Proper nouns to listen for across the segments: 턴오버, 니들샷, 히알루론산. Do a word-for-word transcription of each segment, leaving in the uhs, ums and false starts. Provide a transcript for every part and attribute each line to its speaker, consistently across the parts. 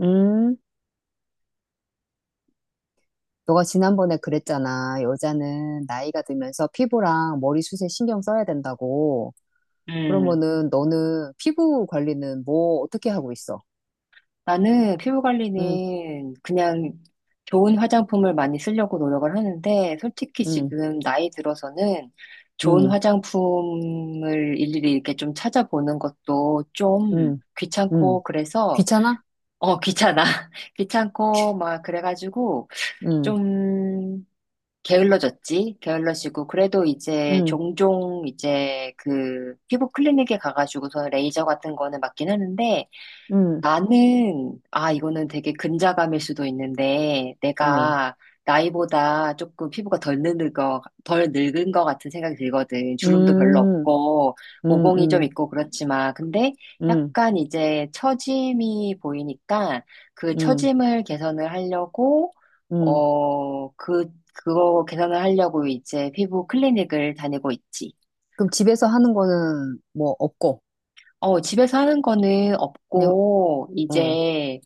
Speaker 1: 음, 너가 지난번에 그랬잖아. 여자는 나이가 들면서 피부랑 머리숱에 신경 써야 된다고.
Speaker 2: 음,
Speaker 1: 그러면은 너는 피부 관리는 뭐 어떻게 하고 있어?
Speaker 2: 나는 피부
Speaker 1: 응,
Speaker 2: 관리는 그냥 좋은 화장품을 많이 쓰려고 노력을 하는데, 솔직히
Speaker 1: 응,
Speaker 2: 지금 나이 들어서는 좋은
Speaker 1: 응,
Speaker 2: 화장품을 일일이 이렇게 좀 찾아보는 것도 좀
Speaker 1: 응, 응
Speaker 2: 귀찮고, 그래서,
Speaker 1: 귀찮아?
Speaker 2: 어, 귀찮아. 귀찮고, 막, 그래가지고,
Speaker 1: 응.
Speaker 2: 좀, 게을러졌지? 게을러지고, 그래도 이제
Speaker 1: 응.
Speaker 2: 종종 이제 그 피부 클리닉에 가가지고서 레이저 같은 거는 맞긴 하는데,
Speaker 1: 응.
Speaker 2: 나는, 아, 이거는 되게 근자감일 수도 있는데,
Speaker 1: 어,
Speaker 2: 내가 나이보다 조금 피부가 덜 늙은 거, 덜 늙은 거 같은 생각이 들거든. 주름도 별로
Speaker 1: 음,
Speaker 2: 없고,
Speaker 1: 음,
Speaker 2: 모공이 좀
Speaker 1: 음,
Speaker 2: 있고 그렇지만, 근데
Speaker 1: 음,
Speaker 2: 약간 이제 처짐이 보이니까, 그
Speaker 1: 음,
Speaker 2: 처짐을 개선을 하려고,
Speaker 1: 음.
Speaker 2: 어, 그, 그거 개선을 하려고 이제 피부 클리닉을 다니고 있지.
Speaker 1: 그럼 집에서 하는 거는 뭐 없고,
Speaker 2: 어, 집에서 하는 거는
Speaker 1: 그냥,
Speaker 2: 없고,
Speaker 1: 어,
Speaker 2: 이제,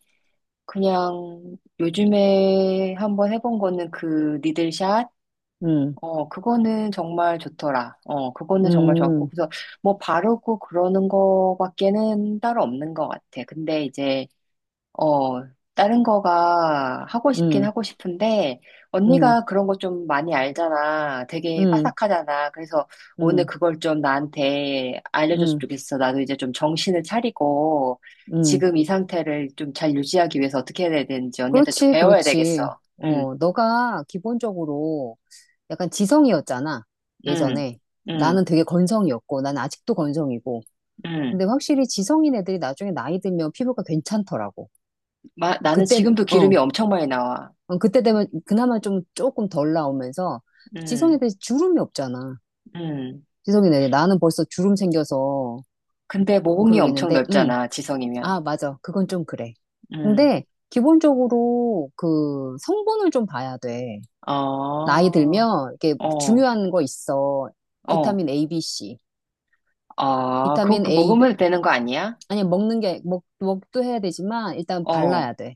Speaker 2: 그냥 요즘에 한번 해본 거는 그 니들샷?
Speaker 1: 음,
Speaker 2: 어, 그거는 정말 좋더라. 어, 그거는 정말 좋았고.
Speaker 1: 음,
Speaker 2: 그래서 뭐 바르고 그러는 거밖에는 따로 없는 것 같아. 근데 이제 어, 다른 거가 하고 싶긴
Speaker 1: 음,
Speaker 2: 하고 싶은데,
Speaker 1: 음,
Speaker 2: 언니가 그런 거 좀 많이 알잖아. 되게
Speaker 1: 음,
Speaker 2: 빠삭하잖아. 그래서 오늘
Speaker 1: 음,
Speaker 2: 그걸 좀 나한테 알려줬으면
Speaker 1: 음,
Speaker 2: 좋겠어. 나도 이제 좀 정신을 차리고,
Speaker 1: 음.
Speaker 2: 지금 이 상태를 좀 잘 유지하기 위해서 어떻게 해야 되는지 언니한테 좀
Speaker 1: 그렇지,
Speaker 2: 배워야
Speaker 1: 그렇지.
Speaker 2: 되겠어. 응,
Speaker 1: 어, 너가 기본적으로 약간 지성이었잖아,
Speaker 2: 응,
Speaker 1: 예전에. 나는
Speaker 2: 응,
Speaker 1: 되게 건성이었고, 난 아직도 건성이고.
Speaker 2: 응.
Speaker 1: 근데 확실히 지성인 애들이 나중에 나이 들면 피부가 괜찮더라고.
Speaker 2: 마, 나는
Speaker 1: 그때,
Speaker 2: 지금도 기름이
Speaker 1: 어,
Speaker 2: 엄청 많이 나와.
Speaker 1: 어, 그때 되면 그나마 좀 조금 덜 나오면서 지성
Speaker 2: 응,
Speaker 1: 애들이 주름이 없잖아.
Speaker 2: 응.
Speaker 1: 지성인 애들. 나는 벌써 주름 생겨서
Speaker 2: 근데 모공이
Speaker 1: 그러고
Speaker 2: 엄청
Speaker 1: 있는데, 응,
Speaker 2: 넓잖아, 지성이면.
Speaker 1: 아, 맞아. 그건 좀 그래.
Speaker 2: 응.
Speaker 1: 근데 기본적으로 그 성분을 좀 봐야 돼.
Speaker 2: 아,
Speaker 1: 나이 들면 이게
Speaker 2: 어.
Speaker 1: 중요한 거 있어.
Speaker 2: 어,
Speaker 1: 비타민 A, B, C.
Speaker 2: 아, 그거
Speaker 1: 비타민
Speaker 2: 그
Speaker 1: A
Speaker 2: 먹으면 되는 거 아니야?
Speaker 1: 아니 먹는 게 먹, 먹도 해야 되지만 일단
Speaker 2: 어,
Speaker 1: 발라야 돼.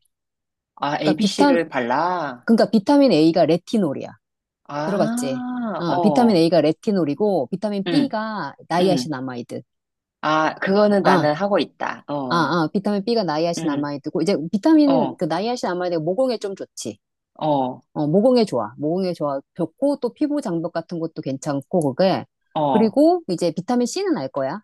Speaker 2: 아,
Speaker 1: 그러니까 비타
Speaker 2: 에이비씨를 발라?
Speaker 1: 그러니까 비타민 A가 레티놀이야. 들어봤지?
Speaker 2: 아,
Speaker 1: 어, 비타민
Speaker 2: 어,
Speaker 1: A가 레티놀이고 비타민
Speaker 2: 응,
Speaker 1: B가
Speaker 2: 응.
Speaker 1: 나이아신아마이드.
Speaker 2: 아, 그거는
Speaker 1: 아,
Speaker 2: 나는 하고 있다.
Speaker 1: 아,
Speaker 2: 어,
Speaker 1: 아, 비타민 B가
Speaker 2: 응,
Speaker 1: 나이아신아마이드고 이제 비타민
Speaker 2: 어,
Speaker 1: 그 나이아신아마이드가 모공에 좀 좋지.
Speaker 2: 어,
Speaker 1: 어, 모공에 좋아. 모공에 좋아. 좋고 또 피부 장벽 같은 것도 괜찮고 그게
Speaker 2: 어,
Speaker 1: 그리고 이제 비타민 C는 알 거야.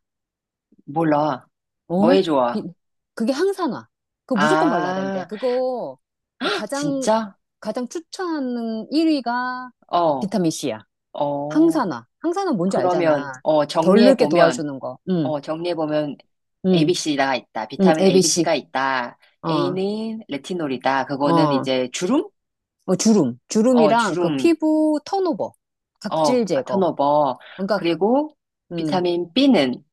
Speaker 2: 몰라.
Speaker 1: 어?
Speaker 2: 뭐에 좋아?
Speaker 1: 비- 그게 항산 화. 그거 무조건 발라야 된대.
Speaker 2: 아,
Speaker 1: 그거 어, 가장,
Speaker 2: 진짜?
Speaker 1: 가장 추천하는 일 위
Speaker 2: 어,
Speaker 1: 비타민C야.
Speaker 2: 어,
Speaker 1: 항산화. 항산화 뭔지
Speaker 2: 그러면,
Speaker 1: 알잖아.
Speaker 2: 어,
Speaker 1: 덜 늙게
Speaker 2: 정리해보면,
Speaker 1: 도와주는 거. 응,
Speaker 2: 어, 정리해보면
Speaker 1: 응,
Speaker 2: 에이비씨가 있다.
Speaker 1: 응,
Speaker 2: 비타민
Speaker 1: 에이비씨.
Speaker 2: 에이비씨가 있다.
Speaker 1: 어,
Speaker 2: 에이는 레티놀이다. 그거는
Speaker 1: 어,
Speaker 2: 이제 주름?
Speaker 1: 어, 주름.
Speaker 2: 어,
Speaker 1: 주름이랑 그
Speaker 2: 주름,
Speaker 1: 피부 턴오버.
Speaker 2: 어,
Speaker 1: 각질
Speaker 2: 아,
Speaker 1: 제거.
Speaker 2: 턴오버.
Speaker 1: 그러니까,
Speaker 2: 그리고
Speaker 1: 음,
Speaker 2: 비타민 비는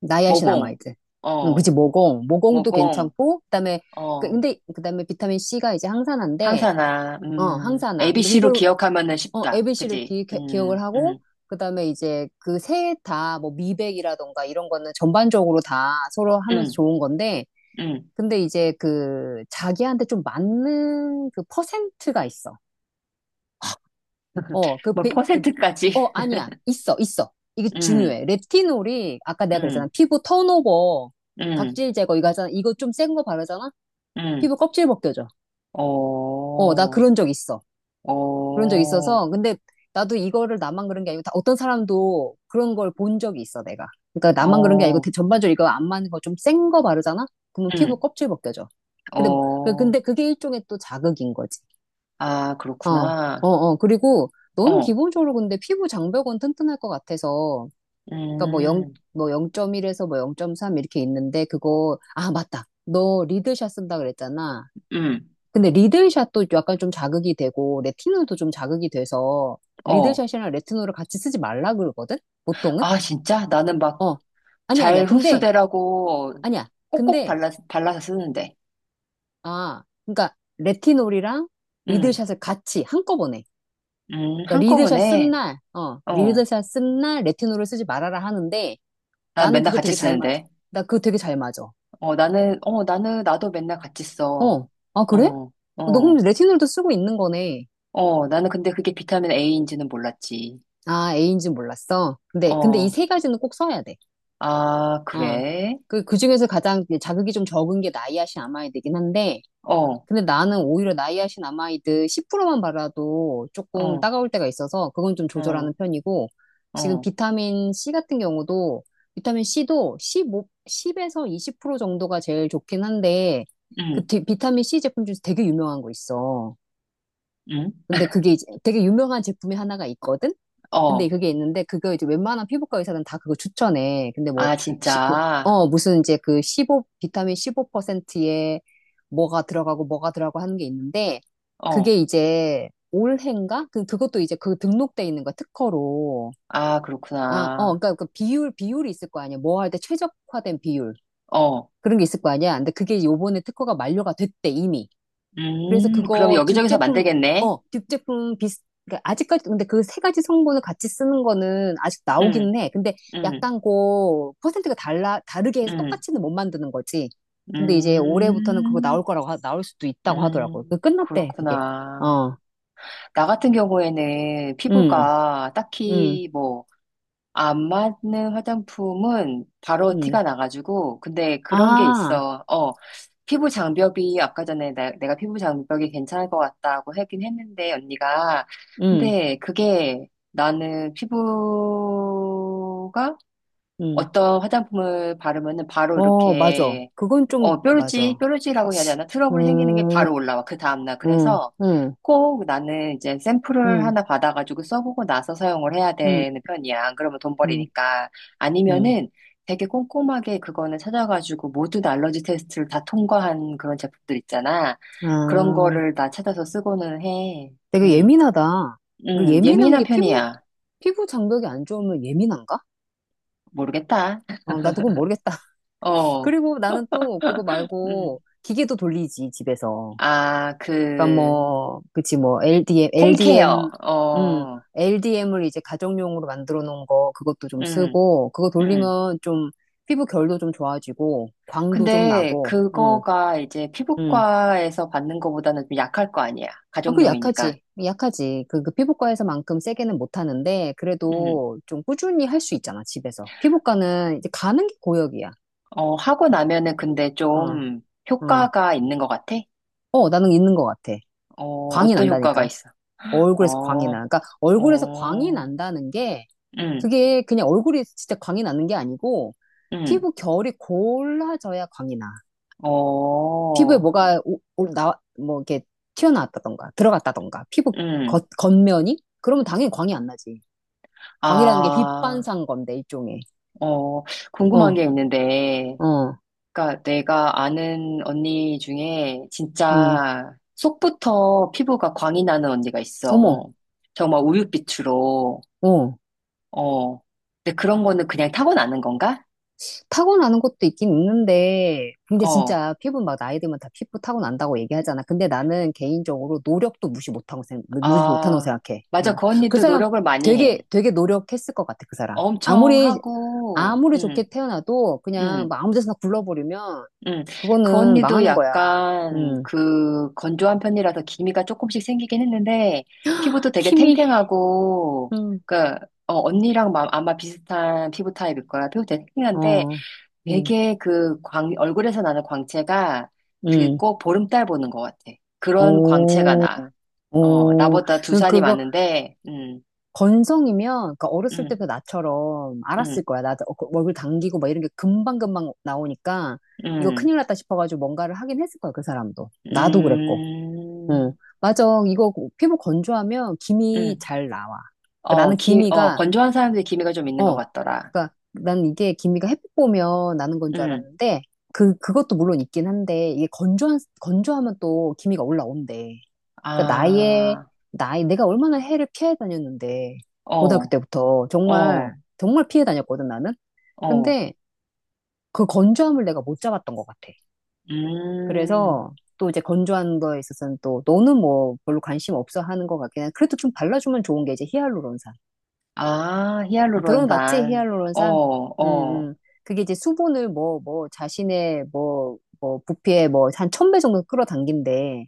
Speaker 1: 나이아신
Speaker 2: 모공,
Speaker 1: 아마이드. 응, 그치,
Speaker 2: 어,
Speaker 1: 모공. 모공도
Speaker 2: 모공,
Speaker 1: 괜찮고, 그다음에, 그-
Speaker 2: 어,
Speaker 1: 근데, 그다음에 비타민C가 이제 항산화인데,
Speaker 2: 항산화,
Speaker 1: 어,
Speaker 2: 음,
Speaker 1: 항산화. 근데
Speaker 2: 에이비씨로
Speaker 1: 이걸
Speaker 2: 기억하면은
Speaker 1: 어,
Speaker 2: 쉽다.
Speaker 1: ABC를
Speaker 2: 그지?
Speaker 1: 기, 억을
Speaker 2: 음,
Speaker 1: 하고,
Speaker 2: 음,
Speaker 1: 그 다음에 이제 그 셋 다 뭐 미백이라던가 이런 거는 전반적으로 다 서로 하면서
Speaker 2: 음,
Speaker 1: 좋은 건데,
Speaker 2: 음.
Speaker 1: 근데 이제 그 자기한테 좀 맞는 그 퍼센트가 있어. 어, 그,
Speaker 2: 뭐,
Speaker 1: 비- 그-
Speaker 2: 퍼센트까지?
Speaker 1: 어, 아니야. 있어, 있어. 이게
Speaker 2: 음,
Speaker 1: 중요해. 레티놀이, 아까 내가 그랬잖아.
Speaker 2: 음,
Speaker 1: 피부 턴오버,
Speaker 2: 음,
Speaker 1: 각질 제거 이거 하잖아. 이거 좀 센 거 바르잖아?
Speaker 2: 음.
Speaker 1: 피부 껍질 벗겨져. 어, 나
Speaker 2: 어,
Speaker 1: 그런 적 있어. 그런 적
Speaker 2: 어,
Speaker 1: 있어서. 근데 나도 이거를 나만 그런 게 아니고 다 어떤 사람도 그런 걸 본 적이 있어, 내가. 그러니까 나만 그런 게 아니고
Speaker 2: 어,
Speaker 1: 대- 전반적으로 이거 안 맞는 거 좀 센 거 바르잖아? 그러면 피부
Speaker 2: 음,
Speaker 1: 껍질 벗겨져. 근데, 그-
Speaker 2: 어.
Speaker 1: 근데 그게 일종의 또 자극인 거지.
Speaker 2: 아,
Speaker 1: 어, 어,
Speaker 2: 그렇구나.
Speaker 1: 어. 그리고 너는
Speaker 2: 어,
Speaker 1: 기본적으로 근데 피부 장벽은 튼튼할 것 같아서. 그러니까 뭐 영,
Speaker 2: 음,
Speaker 1: 뭐 영 점 일에서 뭐 영 점 삼 이렇게 있는데 그거, 아, 맞다. 너 리드샷 쓴다 그랬잖아.
Speaker 2: 음,
Speaker 1: 근데 리들샷도 약간 좀 자극이 되고 레티놀도 좀 자극이 돼서
Speaker 2: 어.
Speaker 1: 리들샷이랑 레티놀을 같이 쓰지 말라 그러거든? 보통은?
Speaker 2: 아, 진짜? 나는 막
Speaker 1: 어. 아니야, 아니야.
Speaker 2: 잘
Speaker 1: 근데
Speaker 2: 흡수되라고
Speaker 1: 아니야.
Speaker 2: 꼭꼭
Speaker 1: 근데
Speaker 2: 발라, 발라서 쓰는데.
Speaker 1: 아, 그러니까 레티놀이랑
Speaker 2: 음,
Speaker 1: 리들샷을 같이 한꺼번에.
Speaker 2: 음,
Speaker 1: 그러니까 리들샷 쓴
Speaker 2: 한꺼번에.
Speaker 1: 날, 어,
Speaker 2: 어,
Speaker 1: 리들샷 쓴 날 레티놀을 쓰지 말아라 하는데
Speaker 2: 난
Speaker 1: 나는
Speaker 2: 맨날
Speaker 1: 그거
Speaker 2: 같이
Speaker 1: 되게 잘 맞아.
Speaker 2: 쓰는데.
Speaker 1: 나 그거 되게 잘 맞아.
Speaker 2: 어, 나는, 어, 나는, 나도 맨날 같이 써.
Speaker 1: 어. 아, 그래?
Speaker 2: 어,
Speaker 1: 어, 너 그럼
Speaker 2: 어,
Speaker 1: 레티놀도 쓰고 있는 거네.
Speaker 2: 어, 나는 근데 그게 비타민 A인지는 몰랐지.
Speaker 1: 아, A인지 몰랐어. 근데 근데 이
Speaker 2: 어,
Speaker 1: 세 가지는 꼭 써야 돼.
Speaker 2: 아,
Speaker 1: 어.
Speaker 2: 그래?
Speaker 1: 그, 그 중에서 가장 자극이 좀 적은 게 나이아신 아마이드긴 한데,
Speaker 2: 어,
Speaker 1: 근데 나는 오히려 나이아신 아마이드 십 퍼센트만 발라도 조금
Speaker 2: 어,
Speaker 1: 따가울 때가 있어서 그건 좀
Speaker 2: 어,
Speaker 1: 조절하는 편이고, 지금
Speaker 2: 어,
Speaker 1: 비타민 C 같은 경우도, 비타민 C도 일오십영에서 이십 퍼센트 정도가 제일 좋긴 한데, 그
Speaker 2: 음,
Speaker 1: 디- 비타민 C 제품 중에서 되게 유명한 거 있어.
Speaker 2: 음,
Speaker 1: 근데 그게 이제 되게 유명한 제품이 하나가 있거든? 근데
Speaker 2: 어,
Speaker 1: 그게 있는데 그거 이제 웬만한 피부과 의사는 다 그거 추천해. 근데 뭐,
Speaker 2: 아,
Speaker 1: 시, 그,
Speaker 2: 진짜.
Speaker 1: 어, 무슨 이제 그 십오, 비타민 십오 퍼센트에 뭐가 들어가고 뭐가 들어가고 하는 게 있는데 그게
Speaker 2: 어,
Speaker 1: 이제 올해인가? 그, 그것도 이제 그 등록돼 있는 거야, 특허로.
Speaker 2: 아,
Speaker 1: 아, 어,
Speaker 2: 그렇구나.
Speaker 1: 그러니까 그 비율, 비율이 있을 거 아니야. 뭐 할 때 최적화된 비율.
Speaker 2: 어,
Speaker 1: 그런 게 있을 거 아니야. 근데 그게 요번에 특허가 만료가 됐대, 이미. 그래서
Speaker 2: 음, 그럼
Speaker 1: 그거 듀
Speaker 2: 여기저기서
Speaker 1: 제품,
Speaker 2: 만들겠네?
Speaker 1: 어, 듀 제품 비슷, 그러니까 아직까지, 근데 그 세 가지 성분을 같이 쓰는 거는 아직
Speaker 2: 음,
Speaker 1: 나오기는 해. 근데
Speaker 2: 음.
Speaker 1: 약간 그 퍼센트가 달라, 다르게 해서
Speaker 2: 음,
Speaker 1: 똑같이는 못 만드는 거지. 근데 이제 올해부터는 그거 나올
Speaker 2: 음,
Speaker 1: 거라고, 하- 나올 수도 있다고 하더라고
Speaker 2: 음,
Speaker 1: 그 끝났대, 그게.
Speaker 2: 그렇구나.
Speaker 1: 어,
Speaker 2: 나 같은 경우에는
Speaker 1: 음,
Speaker 2: 피부가
Speaker 1: 음,
Speaker 2: 딱히 뭐, 안 맞는 화장품은 바로
Speaker 1: 음.
Speaker 2: 티가 나가지고, 근데 그런 게
Speaker 1: 아,
Speaker 2: 있어. 어, 피부 장벽이, 아까 전에 나- 내가 피부 장벽이 괜찮을 것 같다고 하긴 했는데, 언니가.
Speaker 1: 음,
Speaker 2: 근데 그게 나는 피부가
Speaker 1: 음.
Speaker 2: 어떤 화장품을 바르면은 바로
Speaker 1: 어, 맞아.
Speaker 2: 이렇게
Speaker 1: 그건 좀,
Speaker 2: 어, 뾰루지,
Speaker 1: 맞아.
Speaker 2: 뾰루지라고 해야 되나? 트러블이 생기는 게
Speaker 1: 음,
Speaker 2: 바로 올라와, 그 다음날.
Speaker 1: 음,
Speaker 2: 그래서
Speaker 1: 음,
Speaker 2: 꼭 나는 이제 샘플을
Speaker 1: 음,
Speaker 2: 하나 받아가지고 써보고 나서 사용을 해야
Speaker 1: 음,
Speaker 2: 되는 편이야. 안 그러면 돈
Speaker 1: 음,
Speaker 2: 버리니까.
Speaker 1: 음.
Speaker 2: 아니면은 되게 꼼꼼하게 그거는 찾아가지고 모든 알러지 테스트를 다 통과한 그런 제품들 있잖아. 그런
Speaker 1: 아.
Speaker 2: 거를 다 찾아서 쓰고는 해.
Speaker 1: 되게
Speaker 2: 음,
Speaker 1: 예민하다. 그
Speaker 2: 음,
Speaker 1: 예민한
Speaker 2: 예민한
Speaker 1: 게 피부,
Speaker 2: 편이야.
Speaker 1: 피부 장벽이 안 좋으면 예민한가?
Speaker 2: 모르겠다.
Speaker 1: 어, 나도 그건 모르겠다.
Speaker 2: 어,
Speaker 1: 그리고 나는 또 그거 말고
Speaker 2: 음.
Speaker 1: 기계도 돌리지, 집에서.
Speaker 2: 아,
Speaker 1: 그러니까
Speaker 2: 그,
Speaker 1: 뭐, 그치, 뭐, 엘디엠, 엘디엠,
Speaker 2: 홈케어.
Speaker 1: 음,
Speaker 2: 어,
Speaker 1: 엘디엠을 이제 가정용으로 만들어 놓은 거, 그것도 좀
Speaker 2: 음,
Speaker 1: 쓰고, 그거
Speaker 2: 음.
Speaker 1: 돌리면 좀 피부 결도 좀 좋아지고, 광도 좀
Speaker 2: 근데
Speaker 1: 나고, 음,
Speaker 2: 그거가 이제
Speaker 1: 음.
Speaker 2: 피부과에서 받는 거보다는 좀 약할 거 아니야.
Speaker 1: 아, 그
Speaker 2: 가정용이니까.
Speaker 1: 약하지. 약하지. 그, 그 피부과에서만큼 세게는 못 하는데,
Speaker 2: 음.
Speaker 1: 그래도 좀 꾸준히 할 수 있잖아, 집에서. 피부과는 이제 가는 게 고역이야.
Speaker 2: 어, 하고 나면은 근데
Speaker 1: 어,
Speaker 2: 좀
Speaker 1: 어.
Speaker 2: 효과가 있는 것 같아?
Speaker 1: 어, 나는 있는 것 같아.
Speaker 2: 어,
Speaker 1: 광이
Speaker 2: 어떤 효과가
Speaker 1: 난다니까.
Speaker 2: 있어?
Speaker 1: 얼굴에서 광이 나.
Speaker 2: 어,
Speaker 1: 그러니까 얼굴에서 광이
Speaker 2: 어,
Speaker 1: 난다는 게,
Speaker 2: 음,
Speaker 1: 그게 그냥 얼굴이 진짜 광이 나는 게 아니고,
Speaker 2: 음,
Speaker 1: 피부 결이 골라져야 광이 나. 피부에
Speaker 2: 어,
Speaker 1: 뭐가, 오, 오- 나, 뭐, 이렇게 튀어나왔다던가, 들어갔다던가, 피부
Speaker 2: 음.
Speaker 1: 겉, 겉면이? 그러면 당연히 광이 안 나지. 광이라는 게
Speaker 2: 아,
Speaker 1: 빛반사인 건데, 일종의.
Speaker 2: 어, 궁금한
Speaker 1: 어,
Speaker 2: 게 있는데,
Speaker 1: 어,
Speaker 2: 그러니까 내가 아는 언니 중에
Speaker 1: 음,
Speaker 2: 진짜 속부터 피부가 광이 나는 언니가
Speaker 1: 어머,
Speaker 2: 있어. 정말 우윳빛으로.
Speaker 1: 어.
Speaker 2: 어. 근데 그런 거는 그냥 타고나는 건가?
Speaker 1: 타고나는 것도 있긴 있는데, 근데
Speaker 2: 어.
Speaker 1: 진짜 피부 막 나이 들면 다 피부 타고난다고 얘기하잖아. 근데 나는 개인적으로 노력도 무시 못하고 생각, 무시 못하는 거
Speaker 2: 아,
Speaker 1: 생각해.
Speaker 2: 맞아.
Speaker 1: 응.
Speaker 2: 그
Speaker 1: 그
Speaker 2: 언니도
Speaker 1: 사람
Speaker 2: 노력을 많이
Speaker 1: 되게,
Speaker 2: 해.
Speaker 1: 되게 노력했을 것 같아, 그 사람.
Speaker 2: 엄청
Speaker 1: 아무리,
Speaker 2: 하고,
Speaker 1: 아무리
Speaker 2: 응,
Speaker 1: 좋게 태어나도 그냥
Speaker 2: 응.
Speaker 1: 막 아무 데서나 굴러버리면,
Speaker 2: 음, 그
Speaker 1: 그거는
Speaker 2: 언니도
Speaker 1: 망하는 거야.
Speaker 2: 약간
Speaker 1: 응. 음.
Speaker 2: 그 건조한 편이라서 기미가 조금씩 생기긴 했는데 피부도 되게
Speaker 1: 힘이,
Speaker 2: 탱탱하고
Speaker 1: 응,
Speaker 2: 그 어, 언니랑 마- 아마 비슷한 피부 타입일 거야. 피부 되게 탱탱한데
Speaker 1: 어, 응.
Speaker 2: 되게 그 광, 얼굴에서 나는 광채가 그
Speaker 1: 응,
Speaker 2: 꼭 보름달 보는 것 같아. 그런 광채가
Speaker 1: 오.
Speaker 2: 나. 어,
Speaker 1: 어,
Speaker 2: 나보다 두
Speaker 1: 그-
Speaker 2: 살이
Speaker 1: 그거
Speaker 2: 많은데, 음,
Speaker 1: 건성이면, 그러니까 어렸을
Speaker 2: 음,
Speaker 1: 때부터 나처럼 알았을
Speaker 2: 음,
Speaker 1: 거야. 나 어, 그 얼굴 당기고 막 이런 게 금방금방 나오니까 이거
Speaker 2: 음,
Speaker 1: 큰일 났다 싶어가지고 뭔가를 하긴 했을 거야, 그 사람도. 나도 그랬고. 응.
Speaker 2: 음,
Speaker 1: 맞아. 이거 피부 건조하면 기미
Speaker 2: 음.
Speaker 1: 잘 나와. 그러니까
Speaker 2: 어,
Speaker 1: 나는
Speaker 2: 기, 어,
Speaker 1: 기미가,
Speaker 2: 건조한 사람들이 기미가 좀 있는 것
Speaker 1: 어,
Speaker 2: 같더라.
Speaker 1: 그러니까 난 이게 기미가 햇빛 보면 나는 건 줄
Speaker 2: 응.
Speaker 1: 알았는데 그, 그것도 물론 있긴 한데 이게 건조한, 건조하면 또 기미가 올라온대. 그러니까 나의
Speaker 2: 아,
Speaker 1: 나이 내가 얼마나 해를 피해 다녔는데 고등학교
Speaker 2: 어,
Speaker 1: 때부터 정말
Speaker 2: 어,
Speaker 1: 정말 피해 다녔거든 나는.
Speaker 2: 어.
Speaker 1: 근데 그 건조함을 내가 못 잡았던 것 같아.
Speaker 2: 음.
Speaker 1: 그래서 또 이제 건조한 거에 있어서는 또 너는 뭐 별로 관심 없어 하는 것 같긴 해. 그래도 좀 발라주면 좋은 게 이제 히알루론산.
Speaker 2: 아,
Speaker 1: 아, 들어봤지?
Speaker 2: 히알루론산. 어,
Speaker 1: 히알루론산? 음,
Speaker 2: 어,
Speaker 1: 음. 그게 이제 수분을 뭐, 뭐, 자신의 뭐, 뭐, 부피에 뭐, 한 천 배 정도 끌어당긴대.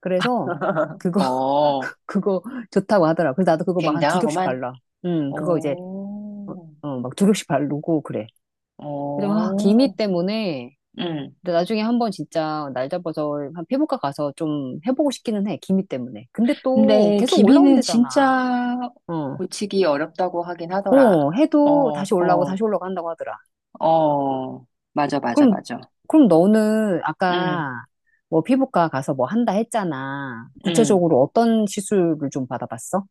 Speaker 1: 그래서 그거
Speaker 2: 어.
Speaker 1: 그, 거 좋다고 하더라. 그래서 나도 그거 막 한 두 겹씩
Speaker 2: 굉장하구만.
Speaker 1: 발라. 음, 그거 이제, 어,
Speaker 2: 오,
Speaker 1: 어, 막 두 겹씩 바르고 그래. 그래서, 아,
Speaker 2: 오.
Speaker 1: 기미 때문에,
Speaker 2: 응.
Speaker 1: 근데 나중에 한번 진짜 날 잡아서 한 피부과 가서 좀 해보고 싶기는 해. 기미 때문에. 근데 또
Speaker 2: 근데
Speaker 1: 계속
Speaker 2: 기미는
Speaker 1: 올라온대잖아.
Speaker 2: 진짜
Speaker 1: 어,
Speaker 2: 고치기 어렵다고 하긴 하더라.
Speaker 1: 어,
Speaker 2: 어,
Speaker 1: 해도 다시 올라오고
Speaker 2: 어,
Speaker 1: 다시 올라오고 한다고 하더라.
Speaker 2: 어. 맞아, 맞아,
Speaker 1: 그럼,
Speaker 2: 맞아.
Speaker 1: 그럼 너는
Speaker 2: 응,
Speaker 1: 아까 뭐 피부과 가서 뭐 한다 했잖아.
Speaker 2: 응.
Speaker 1: 구체적으로 어떤 시술을 좀 받아봤어?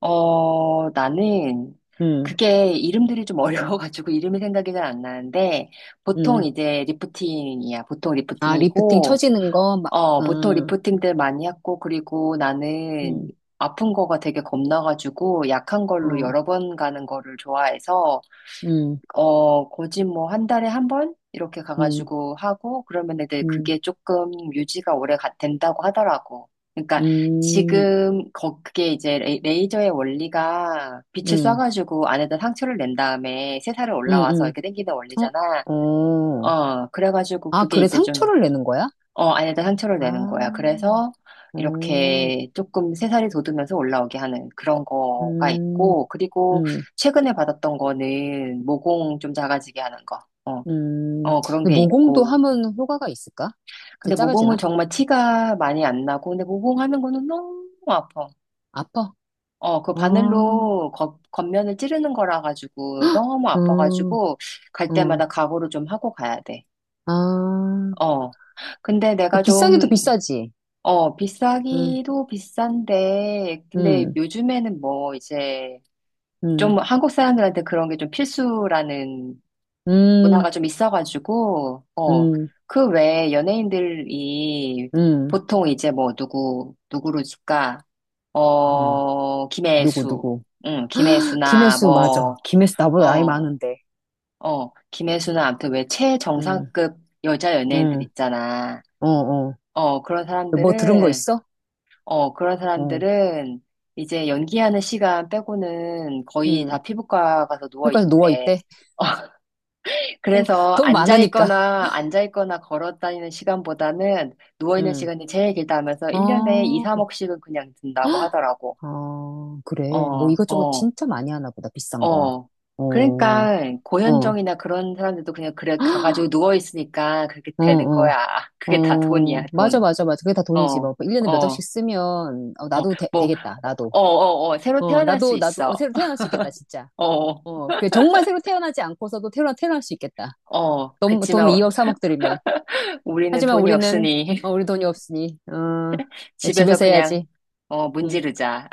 Speaker 2: 어, 나는
Speaker 1: 응,
Speaker 2: 그게 이름들이 좀 어려워가지고 이름이 생각이 잘 안 나는데
Speaker 1: 응.
Speaker 2: 보통 이제 리프팅이야. 보통
Speaker 1: 아, 리프팅
Speaker 2: 리프팅이고,
Speaker 1: 처지는 거, 막,
Speaker 2: 어, 보통
Speaker 1: 아,
Speaker 2: 리프팅들 많이 했고, 그리고 나는
Speaker 1: 음,
Speaker 2: 아픈 거가 되게 겁나가지고 약한 걸로
Speaker 1: 어,
Speaker 2: 여러 번 가는 거를 좋아해서
Speaker 1: 음,
Speaker 2: 어, 거진 뭐 한 달에 한 번? 이렇게
Speaker 1: 음,
Speaker 2: 가가지고 하고, 그러면 애들
Speaker 1: 음,
Speaker 2: 그게 조금 유지가 오래 가- 된다고 하더라고. 그러니까
Speaker 1: 음,
Speaker 2: 지금, 거, 그게 이제 레- 레이저의 원리가 빛을
Speaker 1: 음,
Speaker 2: 쏴가지고 안에다 상처를 낸 다음에 새살이
Speaker 1: 음,
Speaker 2: 올라와서
Speaker 1: 음,
Speaker 2: 이렇게 당기는 원리잖아.
Speaker 1: 어, 어.
Speaker 2: 어, 그래가지고
Speaker 1: 아,
Speaker 2: 그게
Speaker 1: 그래,
Speaker 2: 이제 좀
Speaker 1: 상처를 내는 거야?
Speaker 2: 어, 아니다, 상처를 내는
Speaker 1: 아,
Speaker 2: 거야. 그래서
Speaker 1: 어,
Speaker 2: 이렇게 조금 새살이 돋으면서 올라오게 하는 그런 거가
Speaker 1: 음,
Speaker 2: 있고, 그리고
Speaker 1: 음,
Speaker 2: 최근에 받았던 거는 모공 좀 작아지게 하는 거. 어,
Speaker 1: 음.
Speaker 2: 어, 그런
Speaker 1: 근데
Speaker 2: 게
Speaker 1: 모공도
Speaker 2: 있고.
Speaker 1: 하면 효과가 있을까? 이제
Speaker 2: 근데 모공은
Speaker 1: 작아지나?
Speaker 2: 정말 티가 많이 안 나고, 근데 모공 하는 거는 너무 아파.
Speaker 1: 아파?
Speaker 2: 어, 그
Speaker 1: 어,
Speaker 2: 바늘로 겉, 겉면을 찌르는 거라 가지고 너무
Speaker 1: 어,
Speaker 2: 아파가지고 갈
Speaker 1: 어,
Speaker 2: 때마다 각오를 좀 하고 가야 돼.
Speaker 1: 아.
Speaker 2: 어. 근데
Speaker 1: 그
Speaker 2: 내가
Speaker 1: 비싸기도
Speaker 2: 좀
Speaker 1: 비싸지.
Speaker 2: 어,
Speaker 1: 음,
Speaker 2: 비싸기도 비싼데, 근데
Speaker 1: 음,
Speaker 2: 요즘에는 뭐 이제
Speaker 1: 음,
Speaker 2: 좀 한국 사람들한테 그런 게 좀 필수라는
Speaker 1: 음,
Speaker 2: 문화가 좀 있어가지고, 어,
Speaker 1: 음,
Speaker 2: 그 외에 연예인들이
Speaker 1: 음.
Speaker 2: 보통 이제 뭐 누구, 누구로 줄까?
Speaker 1: 음,
Speaker 2: 어,
Speaker 1: 누구,
Speaker 2: 김혜수.
Speaker 1: 누구.
Speaker 2: 응, 김혜수나
Speaker 1: 김혜수,
Speaker 2: 뭐,
Speaker 1: 맞아. 김혜수 나보다 나이
Speaker 2: 어,
Speaker 1: 많은데.
Speaker 2: 어, 김혜수나 아무튼 왜
Speaker 1: 응,
Speaker 2: 최정상급 여자 연예인들
Speaker 1: 응,
Speaker 2: 있잖아.
Speaker 1: 어, 어.
Speaker 2: 어, 그런
Speaker 1: 뭐 들은 거
Speaker 2: 사람들은
Speaker 1: 있어?
Speaker 2: 어, 그런
Speaker 1: 어,
Speaker 2: 사람들은 이제 연기하는 시간 빼고는 거의
Speaker 1: 응.
Speaker 2: 다 피부과 가서 누워
Speaker 1: 휴가에서
Speaker 2: 있는데,
Speaker 1: 누워있대.
Speaker 2: 그래서
Speaker 1: 돈
Speaker 2: 앉아
Speaker 1: 많으니까.
Speaker 2: 있거나 앉아 있거나 걸어 다니는 시간보다는 누워 있는
Speaker 1: 응.
Speaker 2: 시간이 제일 길다 하면서 일 년에 이,
Speaker 1: 어,
Speaker 2: 삼억씩은 그냥 든다고 하더라고.
Speaker 1: 아
Speaker 2: 어,
Speaker 1: 그래. 뭐 이것저것
Speaker 2: 어,
Speaker 1: 진짜 많이 하나 보다, 비싼 거.
Speaker 2: 어.
Speaker 1: 어, 어,
Speaker 2: 그러니까 고현정이나 그런 사람들도 그냥 그래 가가지고 누워 있으니까 그렇게
Speaker 1: 어,
Speaker 2: 되는
Speaker 1: 어.
Speaker 2: 거야. 그게 다 돈이야,
Speaker 1: 어, 맞아,
Speaker 2: 돈.
Speaker 1: 맞아, 맞아. 그게 다 돈이지.
Speaker 2: 어,
Speaker 1: 뭐, 일 년에 몇 억씩
Speaker 2: 어,
Speaker 1: 쓰면, 어,
Speaker 2: 어.
Speaker 1: 나도 되,
Speaker 2: 뭐,
Speaker 1: 되겠다, 나도.
Speaker 2: 어, 어, 어. 새로
Speaker 1: 어,
Speaker 2: 태어날 수
Speaker 1: 나도, 나도, 어,
Speaker 2: 있어.
Speaker 1: 새로 태어날 수 있겠다, 진짜.
Speaker 2: 어,
Speaker 1: 어, 그 정말 새로 태어나지 않고서도 태어나, 태어날 수 있겠다.
Speaker 2: 어,
Speaker 1: 돈, 돈
Speaker 2: 그치만
Speaker 1: 이 억, 삼 억 들이면.
Speaker 2: 우리는
Speaker 1: 하지만
Speaker 2: 돈이
Speaker 1: 우리는,
Speaker 2: 없으니
Speaker 1: 어, 우리 돈이 없으니, 어,
Speaker 2: 집에서
Speaker 1: 집에서
Speaker 2: 그냥,
Speaker 1: 해야지.
Speaker 2: 어,
Speaker 1: 음
Speaker 2: 문지르자.